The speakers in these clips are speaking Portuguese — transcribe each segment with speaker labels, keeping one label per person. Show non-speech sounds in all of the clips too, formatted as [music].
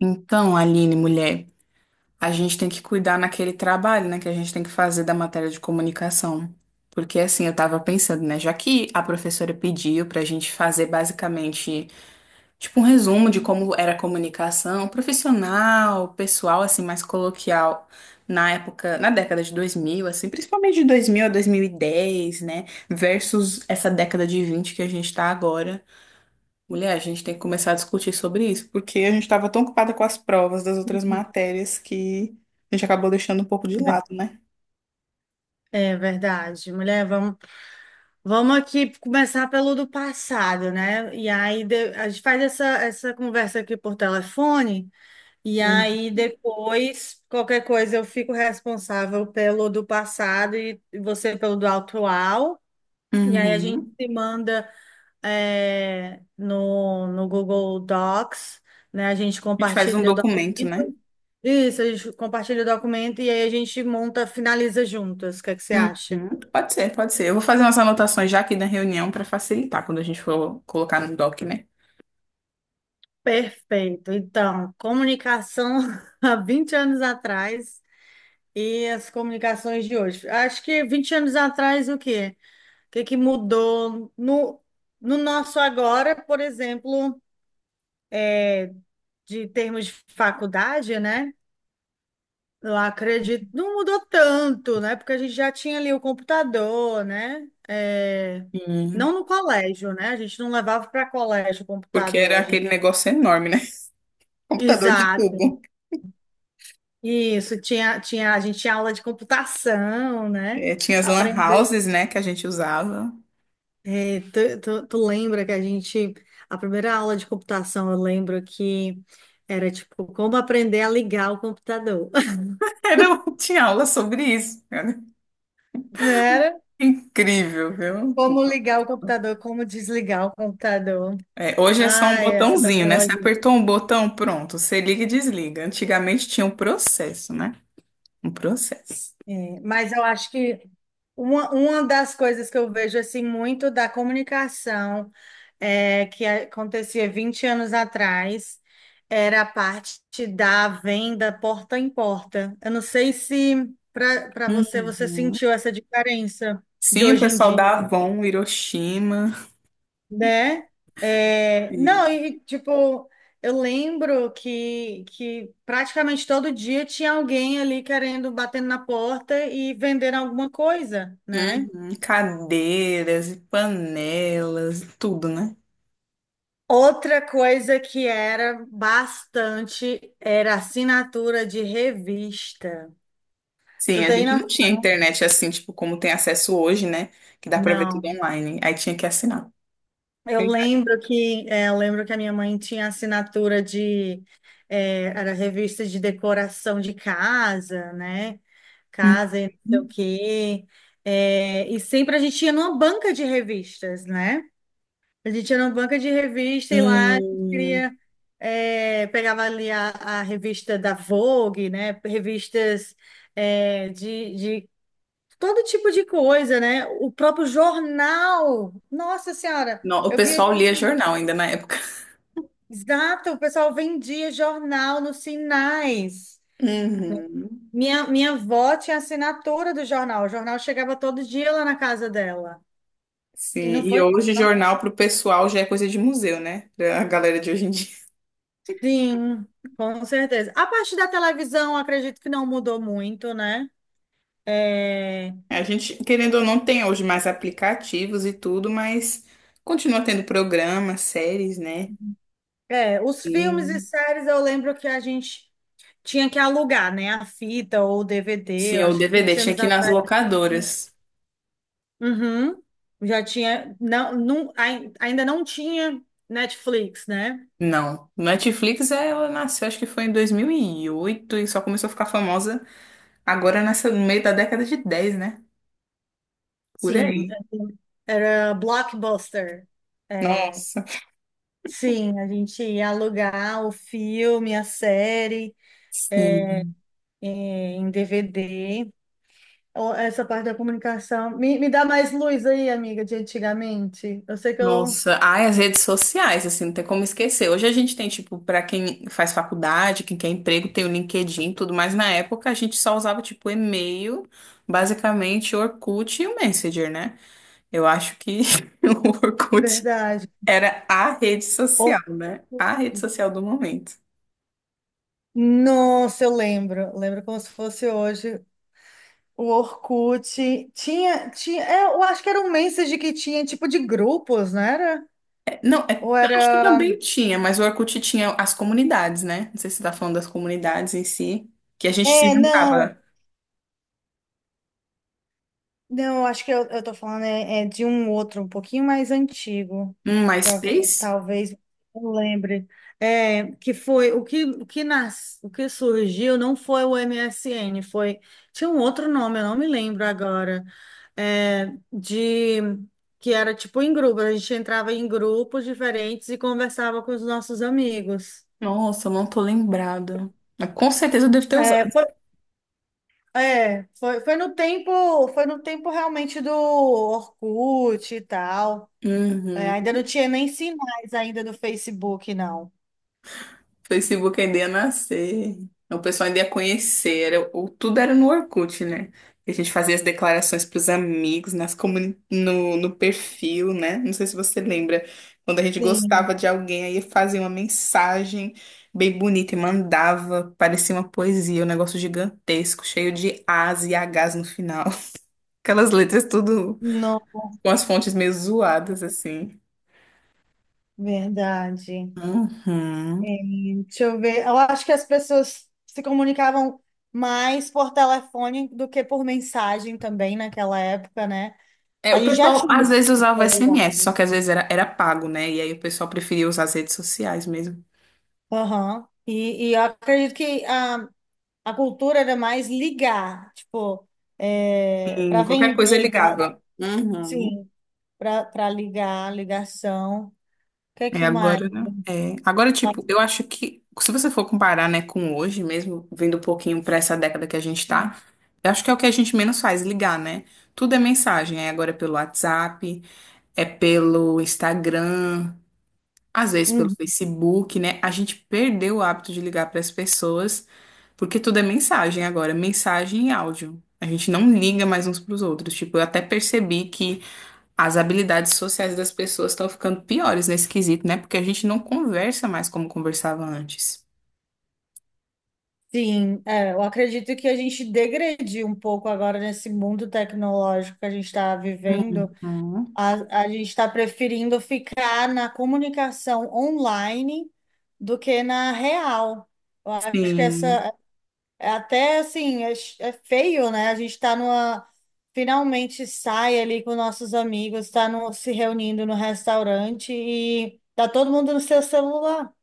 Speaker 1: Então, Aline, mulher, a gente tem que cuidar naquele trabalho, né, que a gente tem que fazer da matéria de comunicação. Porque assim, eu tava pensando, né, já que a professora pediu pra gente fazer basicamente, tipo, um resumo de como era a comunicação profissional, pessoal, assim, mais coloquial na época, na década de 2000, assim, principalmente de 2000 a 2010, né, versus essa década de 20 que a gente tá agora. Mulher, a gente tem que começar a discutir sobre isso, porque a gente estava tão ocupada com as provas das outras matérias que a gente acabou deixando um pouco de
Speaker 2: Ver-
Speaker 1: lado, né?
Speaker 2: É verdade, mulher. Vamos aqui começar pelo do passado, né? E aí a gente faz essa conversa aqui por telefone, e
Speaker 1: Hum.
Speaker 2: aí depois qualquer coisa eu fico responsável pelo do passado e você pelo do atual. E aí a gente
Speaker 1: Uhum.
Speaker 2: se manda no Google Docs, né? A gente
Speaker 1: A gente faz um
Speaker 2: compartilha o
Speaker 1: documento, né?
Speaker 2: documento. Isso, a gente compartilha o documento e aí a gente monta, finaliza juntas. O que é que você acha?
Speaker 1: Uhum. Pode ser, pode ser. Eu vou fazer umas anotações já aqui na reunião para facilitar quando a gente for colocar no doc, né?
Speaker 2: Perfeito. Então, comunicação [laughs] há 20 anos atrás e as comunicações de hoje. Acho que 20 anos atrás, o quê? O que que mudou no nosso agora, por exemplo, de termos de faculdade, né? Eu acredito, não mudou tanto, né? Porque a gente já tinha ali o computador, né?
Speaker 1: Hum.
Speaker 2: Não no colégio, né? A gente não levava para colégio o
Speaker 1: Porque era
Speaker 2: computador. A gente...
Speaker 1: aquele negócio enorme, né? [laughs] Computador de
Speaker 2: exato.
Speaker 1: tubo.
Speaker 2: Isso, tinha, a gente tinha aula de computação, né?
Speaker 1: É, tinha as lan
Speaker 2: Aprender.
Speaker 1: houses, né, que a gente usava.
Speaker 2: É, tu lembra que a gente, a primeira aula de computação, eu lembro que era tipo como aprender a ligar o computador.
Speaker 1: Era, [laughs] tinha aula sobre isso, cara.
Speaker 2: [laughs] Não era?
Speaker 1: Incrível, viu?
Speaker 2: Como ligar o computador, como desligar o computador.
Speaker 1: É, hoje é só um
Speaker 2: Ai, essa
Speaker 1: botãozinho, né? Você
Speaker 2: tecnologia.
Speaker 1: apertou um botão, pronto. Você liga e desliga. Antigamente tinha um processo, né? Um processo.
Speaker 2: É, mas eu acho que uma das coisas que eu vejo assim muito da comunicação que acontecia 20 anos atrás era a parte da venda porta em porta. Eu não sei se para você você
Speaker 1: Uhum.
Speaker 2: sentiu essa diferença de
Speaker 1: Sim, o
Speaker 2: hoje em
Speaker 1: pessoal
Speaker 2: dia,
Speaker 1: da Avon, Hiroshima.
Speaker 2: né? É,
Speaker 1: Sim.
Speaker 2: não, e tipo, eu lembro que praticamente todo dia tinha alguém ali querendo, batendo na porta e vendendo alguma coisa, né?
Speaker 1: Uhum. Cadeiras e panelas, e tudo, né?
Speaker 2: Outra coisa que era bastante era assinatura de revista.
Speaker 1: Sim,
Speaker 2: Tu
Speaker 1: a
Speaker 2: tem
Speaker 1: gente não tinha
Speaker 2: noção?
Speaker 1: internet assim, tipo, como tem acesso hoje, né? Que dá pra ver tudo
Speaker 2: Não.
Speaker 1: online. Aí tinha que assinar.
Speaker 2: Eu lembro que, eu lembro que a minha mãe tinha assinatura de, era revista de decoração de casa, né? Casa e não sei o
Speaker 1: Uhum.
Speaker 2: quê. É, e sempre a gente ia numa banca de revistas, né? A gente ia numa banca de revista e lá a gente
Speaker 1: Sim.
Speaker 2: queria, pegava ali a revista da Vogue, né? Revistas, é, de todo tipo de coisa, né? O próprio jornal. Nossa Senhora!
Speaker 1: Não, o
Speaker 2: Eu via
Speaker 1: pessoal lia
Speaker 2: gente.
Speaker 1: jornal ainda na época.
Speaker 2: Exato, o pessoal vendia jornal nos sinais.
Speaker 1: Uhum.
Speaker 2: Minha avó tinha assinatura do jornal. O jornal chegava todo dia lá na casa dela.
Speaker 1: Sim,
Speaker 2: E não
Speaker 1: e
Speaker 2: foi,
Speaker 1: hoje
Speaker 2: não?
Speaker 1: jornal para o pessoal já é coisa de museu, né? Pra a galera de hoje em dia. [laughs]
Speaker 2: Sim, com certeza. A parte da televisão, acredito que não mudou muito, né? É,
Speaker 1: A gente, querendo ou não, tem hoje mais aplicativos e tudo, mas continua tendo programas, séries, né?
Speaker 2: é, os
Speaker 1: E,
Speaker 2: filmes e séries eu lembro que a gente tinha que alugar, né? A fita ou o DVD,
Speaker 1: sim,
Speaker 2: eu
Speaker 1: o
Speaker 2: acho que
Speaker 1: DVD
Speaker 2: 20
Speaker 1: tinha
Speaker 2: anos
Speaker 1: que ir nas
Speaker 2: atrás. Tinha.
Speaker 1: locadoras.
Speaker 2: Uhum. Já tinha, não, ainda não tinha Netflix, né?
Speaker 1: Não, Netflix ela nasceu, acho que foi em 2008 e só começou a ficar famosa agora nessa, no meio da década de 10, né? Por
Speaker 2: Sim,
Speaker 1: aí.
Speaker 2: era blockbuster. É,
Speaker 1: Nossa,
Speaker 2: sim, a gente ia alugar o filme, a série,
Speaker 1: sim.
Speaker 2: é, em DVD. Ó, essa parte da comunicação. Me dá mais luz aí, amiga, de antigamente. Eu sei que eu.
Speaker 1: Nossa, ai, as redes sociais, assim, não tem como esquecer. Hoje a gente tem, tipo, pra quem faz faculdade, quem quer emprego, tem o LinkedIn, e tudo, mas na época a gente só usava, tipo, e-mail, basicamente Orkut e o Messenger, né? Eu acho que [laughs] o Orkut
Speaker 2: Verdade.
Speaker 1: era a rede
Speaker 2: Or-
Speaker 1: social, né? A rede social do momento.
Speaker 2: Nossa, eu lembro. Lembro como se fosse hoje. O Orkut tinha, é, eu acho que era um message que tinha tipo de grupos, não era?
Speaker 1: É, não, é,
Speaker 2: Ou
Speaker 1: eu acho que
Speaker 2: era?
Speaker 1: também tinha, mas o Orkut tinha as comunidades, né? Não sei se você tá falando das comunidades em si, que a gente se
Speaker 2: É,
Speaker 1: juntava.
Speaker 2: não. Não, eu acho que eu tô falando é de um outro, um pouquinho mais antigo.
Speaker 1: Um MySpace?
Speaker 2: Talvez eu lembre. É, que foi o que, o que surgiu não foi o MSN, foi. Tinha um outro nome, eu não me lembro agora. É, de que era tipo em grupo, a gente entrava em grupos diferentes e conversava com os nossos amigos.
Speaker 1: Nossa, eu não tô lembrada. Mas com certeza eu devo ter
Speaker 2: É,
Speaker 1: usado.
Speaker 2: foi, foi no tempo realmente do Orkut e tal. É,
Speaker 1: Uhum.
Speaker 2: ainda não tinha nem sinais ainda do Facebook, não.
Speaker 1: Facebook ainda ia nascer. O pessoal ainda ia conhecer. Era, o, tudo era no Orkut, né? E a gente fazia as declarações pros amigos, no perfil, né? Não sei se você lembra. Quando a gente
Speaker 2: Sim,
Speaker 1: gostava de alguém, aí fazia uma mensagem bem bonita e mandava. Parecia uma poesia, um negócio gigantesco, cheio de As e Hs no final. [laughs] Aquelas letras tudo
Speaker 2: não,
Speaker 1: com as fontes meio zoadas, assim.
Speaker 2: verdade.
Speaker 1: Uhum.
Speaker 2: É, deixa eu ver. Eu acho que as pessoas se comunicavam mais por telefone do que por mensagem também naquela época, né?
Speaker 1: É,
Speaker 2: A
Speaker 1: o
Speaker 2: gente já
Speaker 1: pessoal
Speaker 2: tinha
Speaker 1: às vezes
Speaker 2: esse
Speaker 1: usava o
Speaker 2: celular.
Speaker 1: SMS, só que às vezes era pago, né? E aí o pessoal preferia usar as redes sociais mesmo.
Speaker 2: Aham. E eu acredito que a cultura era mais ligar, tipo, é, para
Speaker 1: Sim, qualquer coisa
Speaker 2: vender,
Speaker 1: ligava. Uhum.
Speaker 2: sim, para ligar, ligação. O que é
Speaker 1: É,
Speaker 2: que mais?
Speaker 1: agora, né? É, agora, tipo, eu acho que se você for comparar, né, com hoje mesmo, vindo um pouquinho pra essa década que a gente tá, eu acho que é o que a gente menos faz, ligar, né? Tudo é mensagem. É agora pelo WhatsApp, é pelo Instagram. Às vezes pelo
Speaker 2: Uhum.
Speaker 1: Facebook, né? A gente perdeu o hábito de ligar para as pessoas, porque tudo é mensagem agora, mensagem e áudio. A gente não liga mais uns para os outros. Tipo, eu até percebi que as habilidades sociais das pessoas estão ficando piores nesse quesito, né? Porque a gente não conversa mais como conversava antes.
Speaker 2: Sim, é, eu acredito que a gente degrediu um pouco agora nesse mundo tecnológico que a gente está vivendo.
Speaker 1: Uhum.
Speaker 2: A gente está preferindo ficar na comunicação online do que na real. Eu acho que
Speaker 1: Sim.
Speaker 2: é até assim, é feio, né? A gente está numa, finalmente sai ali com nossos amigos, está se reunindo no restaurante e tá todo mundo no seu celular,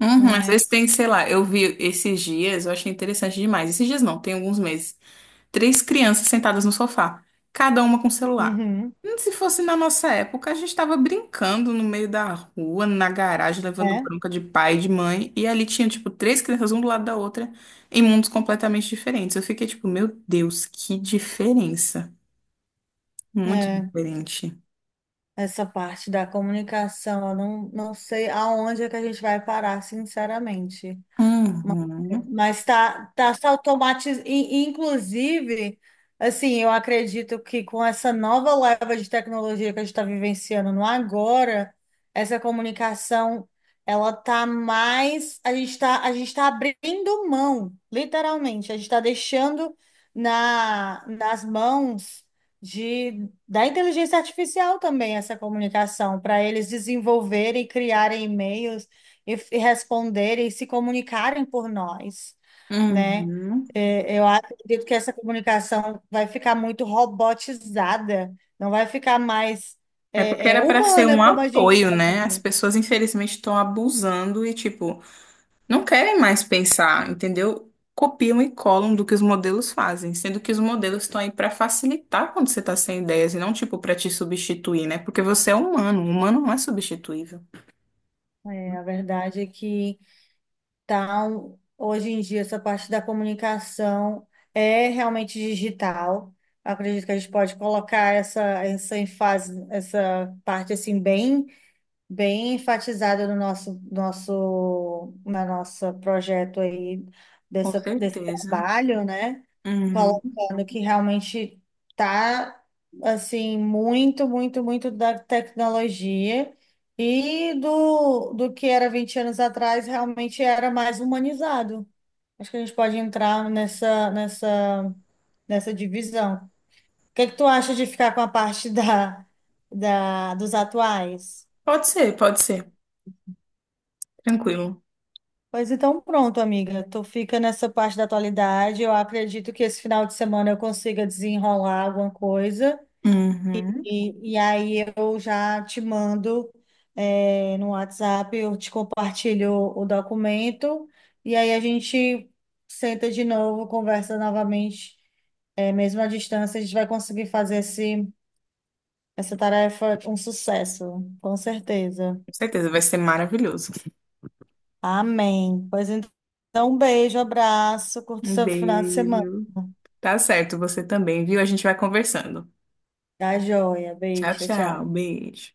Speaker 1: Uhum. Às
Speaker 2: né?
Speaker 1: vezes tem, sei lá, eu vi esses dias, eu achei interessante demais. Esses dias não, tem alguns meses. Três crianças sentadas no sofá, cada uma com celular.
Speaker 2: Uhum.
Speaker 1: Se fosse na nossa época, a gente estava brincando no meio da rua, na garagem, levando
Speaker 2: É,
Speaker 1: bronca de pai e de mãe, e ali tinha, tipo, três crianças, um do lado da outra, em mundos completamente diferentes. Eu fiquei tipo, meu Deus, que diferença. Muito
Speaker 2: é.
Speaker 1: diferente.
Speaker 2: Essa parte da comunicação, eu não sei aonde é que a gente vai parar, sinceramente. Ma-
Speaker 1: Uhum,
Speaker 2: Mas tá se automatizando. Inclusive, assim, eu acredito que com essa nova leva de tecnologia que a gente está vivenciando no agora, essa comunicação, ela tá mais. A gente tá abrindo mão, literalmente. A gente está deixando nas mãos da inteligência artificial também essa comunicação, para eles desenvolverem e criarem e-mails e responderem e se comunicarem por nós, né?
Speaker 1: uhum.
Speaker 2: É, eu acredito que essa comunicação vai ficar muito robotizada, não vai ficar mais
Speaker 1: É porque era para ser um
Speaker 2: humana como a gente
Speaker 1: apoio, né?
Speaker 2: fazia.
Speaker 1: As pessoas, infelizmente, estão abusando e, tipo, não querem mais pensar, entendeu? Copiam e colam do que os modelos fazem, sendo que os modelos estão aí para facilitar quando você está sem ideias e não tipo para te substituir, né? Porque você é humano, o humano não é substituível.
Speaker 2: É, a verdade é que tá, hoje em dia essa parte da comunicação é realmente digital. Eu acredito que a gente pode colocar essa ênfase, essa parte assim bem bem enfatizado no nosso nosso na nossa projeto aí
Speaker 1: Com
Speaker 2: desse
Speaker 1: certeza.
Speaker 2: trabalho, né?
Speaker 1: Uhum.
Speaker 2: Colocando que realmente tá assim muito da tecnologia e do que era 20 anos atrás realmente era mais humanizado. Acho que a gente pode entrar nessa divisão. O que que tu acha de ficar com a parte da dos atuais?
Speaker 1: Pode ser, pode ser. Tranquilo.
Speaker 2: Pois então, pronto, amiga. Tu fica nessa parte da atualidade. Eu acredito que esse final de semana eu consiga desenrolar alguma coisa.
Speaker 1: Uhum.
Speaker 2: E aí eu já te mando, é, no WhatsApp, eu te compartilho o documento. E aí a gente senta de novo, conversa novamente. É, mesmo à distância, a gente vai conseguir fazer esse, essa tarefa um sucesso, com certeza.
Speaker 1: Com certeza, vai ser maravilhoso.
Speaker 2: Amém. Pois então, um beijo, abraço, curta o
Speaker 1: Um
Speaker 2: seu final de semana.
Speaker 1: beijo. Tá certo, você também, viu? A gente vai conversando.
Speaker 2: Tá joia.
Speaker 1: Tchau,
Speaker 2: Beijo,
Speaker 1: tchau.
Speaker 2: tchau.
Speaker 1: Beijo.